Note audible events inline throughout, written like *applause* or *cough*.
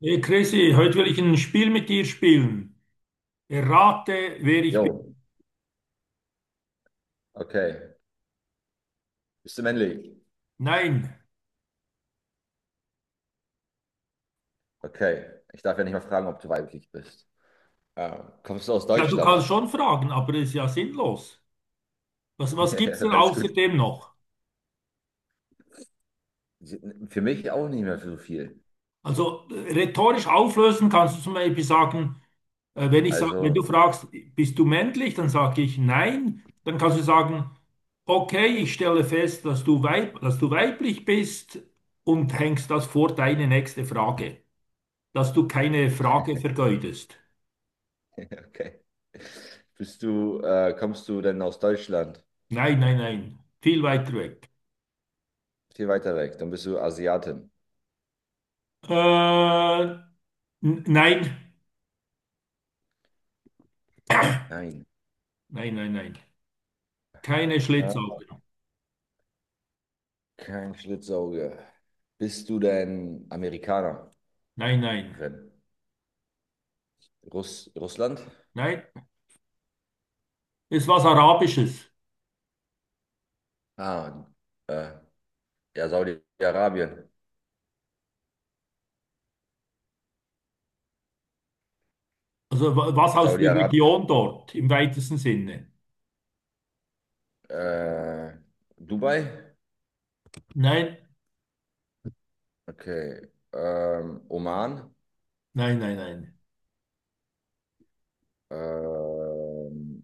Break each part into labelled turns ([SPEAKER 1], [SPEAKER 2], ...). [SPEAKER 1] Hey Chrissy, heute will ich ein Spiel mit dir spielen. Errate, wer ich
[SPEAKER 2] Jo,
[SPEAKER 1] bin.
[SPEAKER 2] okay. Bist du männlich?
[SPEAKER 1] Nein.
[SPEAKER 2] Okay. Ich darf ja nicht mal fragen, ob du weiblich bist. Kommst du aus
[SPEAKER 1] Ja, du kannst
[SPEAKER 2] Deutschland?
[SPEAKER 1] schon
[SPEAKER 2] *laughs*
[SPEAKER 1] fragen, aber das ist ja sinnlos. Was
[SPEAKER 2] Ja,
[SPEAKER 1] gibt
[SPEAKER 2] ja,
[SPEAKER 1] es denn
[SPEAKER 2] alles gut.
[SPEAKER 1] außerdem noch?
[SPEAKER 2] Für mich auch nicht mehr so viel.
[SPEAKER 1] Also rhetorisch auflösen kannst du zum Beispiel sagen, wenn ich sag, wenn du
[SPEAKER 2] Also,
[SPEAKER 1] fragst, bist du männlich, dann sage ich nein. Dann kannst du sagen, okay, ich stelle fest, dass du weiblich bist und hängst das vor deine nächste Frage, dass du keine Frage vergeudest.
[SPEAKER 2] *laughs* okay. Bist du, kommst du denn aus Deutschland?
[SPEAKER 1] Nein, nein, nein. Viel weiter weg.
[SPEAKER 2] Viel weiter weg. Dann bist du Asiatin.
[SPEAKER 1] Äh, nein,
[SPEAKER 2] Nein.
[SPEAKER 1] nein, nein, nein. Keine
[SPEAKER 2] Ah,
[SPEAKER 1] Schlitzaugen.
[SPEAKER 2] Kein Schlitzauge. Bist du denn Amerikanerin?
[SPEAKER 1] Nein, nein,
[SPEAKER 2] Russland?
[SPEAKER 1] nein. Ist was Arabisches.
[SPEAKER 2] Ah, äh, ja, Saudi-Arabien.
[SPEAKER 1] Also was aus der
[SPEAKER 2] Saudi-Arabien.
[SPEAKER 1] Region dort im weitesten Sinne.
[SPEAKER 2] Äh, Dubai?
[SPEAKER 1] Nein,
[SPEAKER 2] Okay. Oman?
[SPEAKER 1] nein, nein, nein.
[SPEAKER 2] Ähm,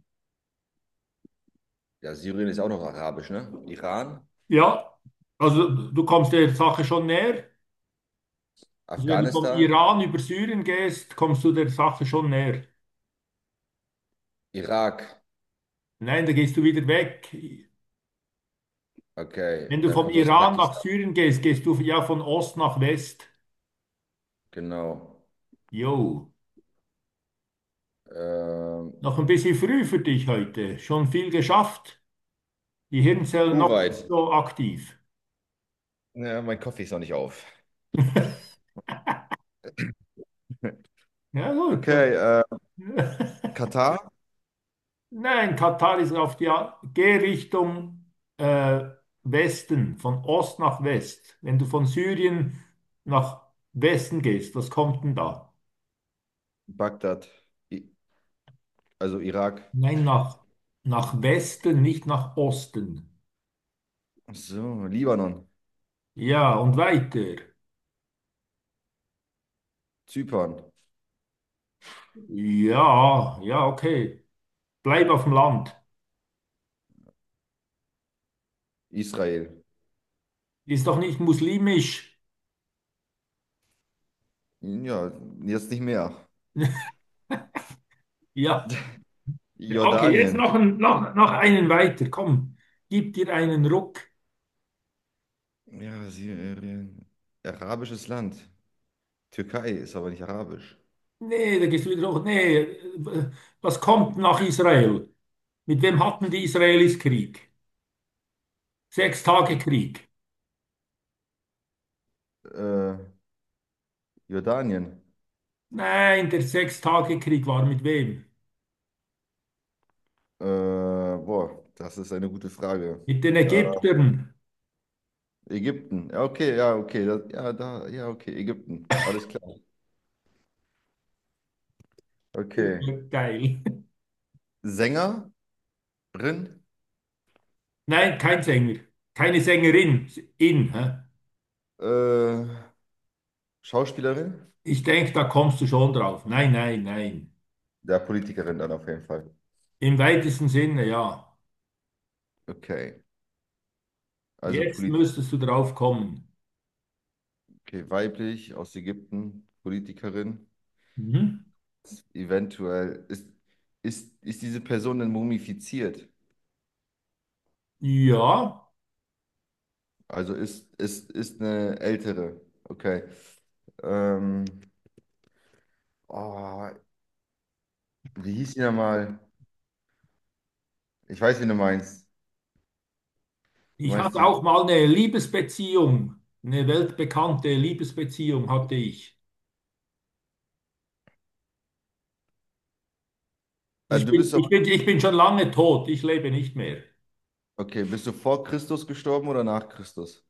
[SPEAKER 2] ja, Syrien ist auch noch arabisch, ne? Iran?
[SPEAKER 1] Ja, also du kommst der Sache schon näher. Also wenn du vom
[SPEAKER 2] Afghanistan?
[SPEAKER 1] Iran über Syrien gehst, kommst du der Sache schon näher.
[SPEAKER 2] Irak?
[SPEAKER 1] Nein, da gehst du wieder weg. Wenn
[SPEAKER 2] Okay.
[SPEAKER 1] du
[SPEAKER 2] Dann
[SPEAKER 1] vom
[SPEAKER 2] kommst du aus
[SPEAKER 1] Iran nach
[SPEAKER 2] Pakistan.
[SPEAKER 1] Syrien gehst, gehst du ja von Ost nach West.
[SPEAKER 2] Genau.
[SPEAKER 1] Jo.
[SPEAKER 2] Ähm,
[SPEAKER 1] Noch ein bisschen früh für dich heute. Schon viel geschafft. Die Hirnzellen noch nicht
[SPEAKER 2] Kuwait?
[SPEAKER 1] so aktiv. *laughs*
[SPEAKER 2] Ja, mein Kaffee ist noch nicht auf. *laughs*
[SPEAKER 1] Ja, gut. Das-
[SPEAKER 2] Okay.
[SPEAKER 1] *laughs*
[SPEAKER 2] Katar?
[SPEAKER 1] Nein, Katar ist auf die Gehrichtung äh, Westen, von Ost nach West. Wenn du von Syrien nach Westen gehst, was kommt denn da?
[SPEAKER 2] Bagdad? I also Irak?
[SPEAKER 1] Nein, nach Westen, nicht nach Osten.
[SPEAKER 2] Ach so, Libanon?
[SPEAKER 1] Ja, und weiter.
[SPEAKER 2] Zypern?
[SPEAKER 1] Ja, ja, okay. Bleib auf dem Land.
[SPEAKER 2] Israel?
[SPEAKER 1] Ist doch nicht muslimisch.
[SPEAKER 2] Ja, jetzt nicht mehr.
[SPEAKER 1] Ja. Okay, jetzt
[SPEAKER 2] Jordanien?
[SPEAKER 1] noch, ein, noch, noch einen weiter. Komm, gib dir einen Ruck.
[SPEAKER 2] Ja, Syrien. Arabisches Land. Türkei ist aber nicht arabisch.
[SPEAKER 1] Nee, da gehst du wieder hoch. Nee, was kommt nach Israel? Mit wem hatten die Israelis Krieg? Sechs Tage
[SPEAKER 2] Mit,
[SPEAKER 1] Krieg.
[SPEAKER 2] äh, Jordanien.
[SPEAKER 1] Nein, der Sechs Tage Krieg war mit wem?
[SPEAKER 2] Boah, das ist eine gute Frage.
[SPEAKER 1] Mit den
[SPEAKER 2] Äh,
[SPEAKER 1] Ägyptern.
[SPEAKER 2] Ägypten. Ja, okay, ja, okay. Das, ja, da, ja, okay, Ägypten. Alles klar. Okay.
[SPEAKER 1] Geil.
[SPEAKER 2] Sängerin,
[SPEAKER 1] Nein, kein Sänger. Keine Sängerin. In. Hä?
[SPEAKER 2] äh, Schauspielerin,
[SPEAKER 1] Ich denke, da kommst du schon drauf. Nein, nein, nein.
[SPEAKER 2] ja, Politikerin dann auf jeden Fall.
[SPEAKER 1] Im weitesten Sinne, ja.
[SPEAKER 2] Okay, also
[SPEAKER 1] Jetzt
[SPEAKER 2] Polit
[SPEAKER 1] müsstest du drauf kommen.
[SPEAKER 2] okay, weiblich aus Ägypten, Politikerin.
[SPEAKER 1] Mhm.
[SPEAKER 2] Eventuell ist, ist diese Person denn mumifiziert?
[SPEAKER 1] Ja.
[SPEAKER 2] Also ist, ist eine ältere. Okay. Ähm, oh, wie hieß die nochmal? Ich weiß, wen du meinst. Du
[SPEAKER 1] Ich
[SPEAKER 2] meinst
[SPEAKER 1] hatte
[SPEAKER 2] diese.
[SPEAKER 1] auch mal eine Liebesbeziehung, eine weltbekannte Liebesbeziehung hatte ich.
[SPEAKER 2] Ah,
[SPEAKER 1] Also
[SPEAKER 2] du bist aber.
[SPEAKER 1] ich bin schon lange tot, ich lebe nicht mehr.
[SPEAKER 2] Okay, bist du vor Christus gestorben oder nach Christus?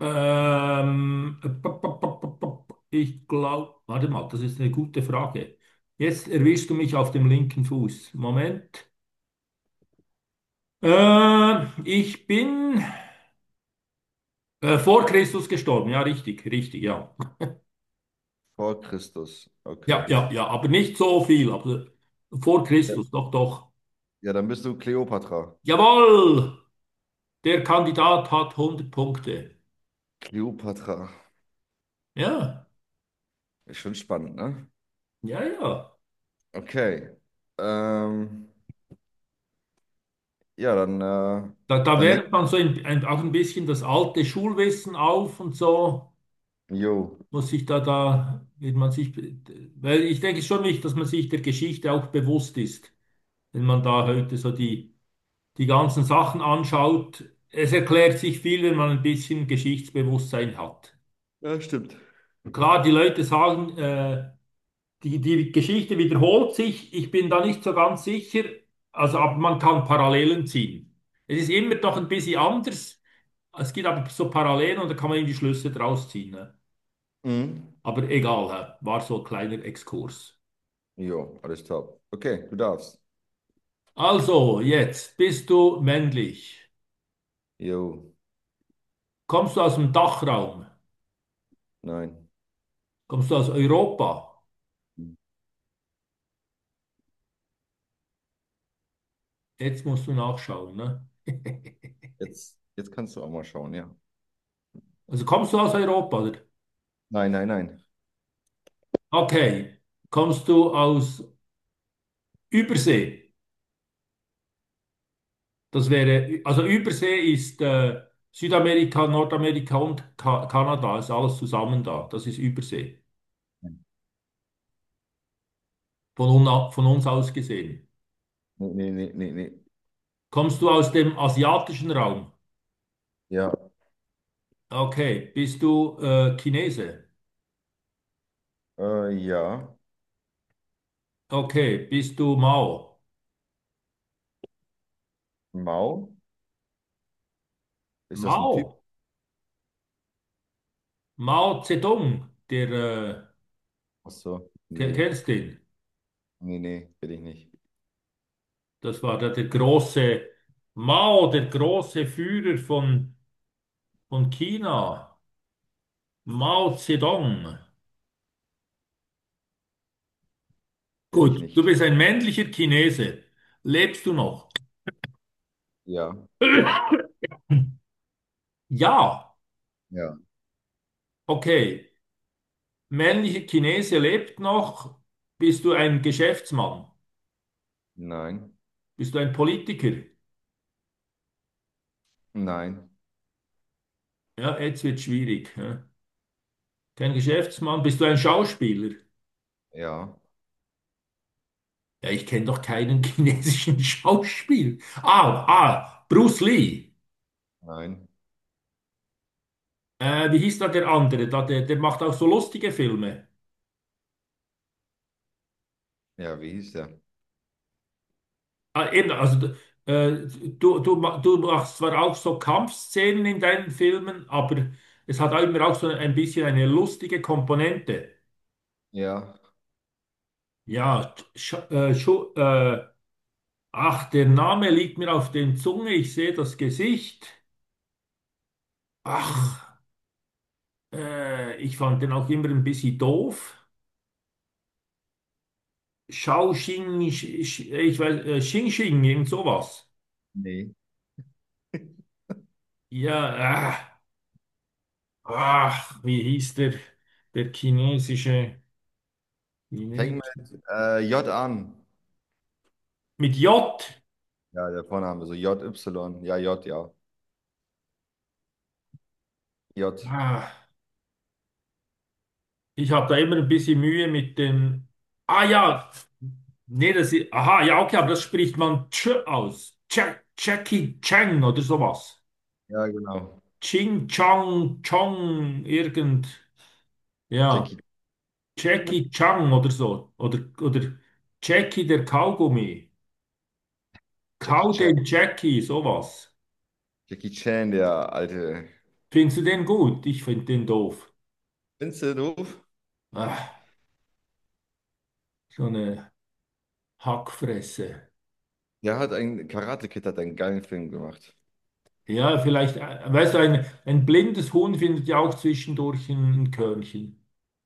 [SPEAKER 1] Pop, pop, pop, pop, pop. Ich glaube, warte mal, das ist eine gute Frage. Jetzt erwischst du mich auf dem linken Fuß. Moment. Ich bin vor Christus gestorben, ja, richtig, richtig, ja.
[SPEAKER 2] Vor Christus.
[SPEAKER 1] Ja,
[SPEAKER 2] Okay.
[SPEAKER 1] ja, ja, aber nicht so viel, aber vor
[SPEAKER 2] Ja,
[SPEAKER 1] Christus, doch, doch.
[SPEAKER 2] ja, dann bist du Kleopatra.
[SPEAKER 1] Jawohl! Der Kandidat hat 100 Punkte.
[SPEAKER 2] Kleopatra.
[SPEAKER 1] Ja,
[SPEAKER 2] Ist schon spannend, ne?
[SPEAKER 1] ja, ja.
[SPEAKER 2] Okay. Ähm, ja,
[SPEAKER 1] Da
[SPEAKER 2] dann leg.
[SPEAKER 1] wärmt man so auch ein bisschen das alte Schulwissen auf und so,
[SPEAKER 2] Jo.
[SPEAKER 1] muss sich wird weil ich denke schon wichtig, dass man sich der Geschichte auch bewusst ist, wenn man da heute so die ganzen Sachen anschaut. Es erklärt sich viel, wenn man ein bisschen Geschichtsbewusstsein hat.
[SPEAKER 2] Ja, stimmt.
[SPEAKER 1] Klar, die Leute sagen, die Geschichte wiederholt sich. Ich bin da nicht so ganz sicher. Also, aber man kann Parallelen ziehen. Es ist immer doch ein bisschen anders. Es gibt aber so Parallelen und da kann man eben die Schlüsse draus ziehen. Ne?
[SPEAKER 2] Mhm.
[SPEAKER 1] Aber egal, hä? War so ein kleiner Exkurs.
[SPEAKER 2] Jo, alles top. Okay, du darfst.
[SPEAKER 1] Also, jetzt bist du männlich.
[SPEAKER 2] Jo,
[SPEAKER 1] Kommst du aus dem Dachraum?
[SPEAKER 2] nein.
[SPEAKER 1] Kommst du aus Europa? Jetzt musst du nachschauen. Ne?
[SPEAKER 2] Jetzt, jetzt kannst du auch mal schauen, ja.
[SPEAKER 1] Also kommst du aus Europa, oder?
[SPEAKER 2] Nein, nein, nein.
[SPEAKER 1] Okay. Kommst du aus Übersee? Das wäre, also Übersee ist Südamerika, Nordamerika und Ka Kanada, ist alles zusammen da. Das ist Übersee, von uns aus gesehen.
[SPEAKER 2] Nee, nee, nee, nee, nee.
[SPEAKER 1] Kommst du aus dem asiatischen Raum?
[SPEAKER 2] Ja,
[SPEAKER 1] Okay, bist du Chinese?
[SPEAKER 2] ja.
[SPEAKER 1] Okay, bist du Mao?
[SPEAKER 2] Mao? Ist das ein Typ?
[SPEAKER 1] Mao? Mao Zedong,
[SPEAKER 2] Ach so. Nee,
[SPEAKER 1] kennst den?
[SPEAKER 2] nee, nee, bin ich nicht.
[SPEAKER 1] Das war der große, Mao, der große Führer von China. Mao Zedong.
[SPEAKER 2] Bin ich
[SPEAKER 1] Gut, du
[SPEAKER 2] nicht.
[SPEAKER 1] bist ein männlicher Chinese. Lebst du noch?
[SPEAKER 2] Ja,
[SPEAKER 1] *clears throat* Ja,
[SPEAKER 2] ja.
[SPEAKER 1] okay. Männlicher Chinese lebt noch. Bist du ein Geschäftsmann?
[SPEAKER 2] Nein,
[SPEAKER 1] Bist du ein Politiker?
[SPEAKER 2] nein,
[SPEAKER 1] Ja, jetzt wird schwierig. Ja. Kein Geschäftsmann. Bist du ein Schauspieler?
[SPEAKER 2] ja,
[SPEAKER 1] Ja, ich kenne doch keinen *laughs* chinesischen Schauspieler. Ah, ah, Bruce Lee.
[SPEAKER 2] nein.
[SPEAKER 1] Wie hieß da der andere? Da, der macht auch so lustige Filme.
[SPEAKER 2] Ja, wie hieß der?
[SPEAKER 1] Ah, eben, also äh, du machst zwar auch so Kampfszenen in deinen Filmen, aber es hat auch immer auch so ein bisschen eine lustige Komponente.
[SPEAKER 2] Ja,
[SPEAKER 1] Ja, Sch Schu ach, der Name liegt mir auf den Zunge, ich sehe das Gesicht. Ach, ich fand den auch immer ein bisschen doof. Shao Xing, Sch- Sch- ich weiß, Xing Xing, irgend sowas.
[SPEAKER 2] nee.
[SPEAKER 1] Ja, äh, ach, wie hieß der chinesische...
[SPEAKER 2] Fängt mit J an.
[SPEAKER 1] Mit J.
[SPEAKER 2] Ja, der Vorname, so J, Y. Ja, J, ja. J.
[SPEAKER 1] Ah, Ich habe da immer ein bisschen Mühe mit den. Ah ja, nee, das ist. Aha, ja, okay, aber das spricht man Ch aus. Ch Jackie Chang oder sowas.
[SPEAKER 2] Ja, genau.
[SPEAKER 1] Ching Chang Chong irgend. Ja,
[SPEAKER 2] Jackie.
[SPEAKER 1] Jackie Chang oder so. Oder Jackie der Kaugummi.
[SPEAKER 2] Jackie
[SPEAKER 1] Kau
[SPEAKER 2] Chan.
[SPEAKER 1] den Jackie, sowas.
[SPEAKER 2] Jackie Chan, der alte.
[SPEAKER 1] Findest du den gut? Ich finde den doof.
[SPEAKER 2] Kennst du den Ruf?
[SPEAKER 1] Ah, so eine Hackfresse.
[SPEAKER 2] Der hat einen Karate Kid, hat einen geilen Film gemacht.
[SPEAKER 1] Ja, vielleicht, weißt du, ein blindes Huhn findet ja auch zwischendurch ein Körnchen.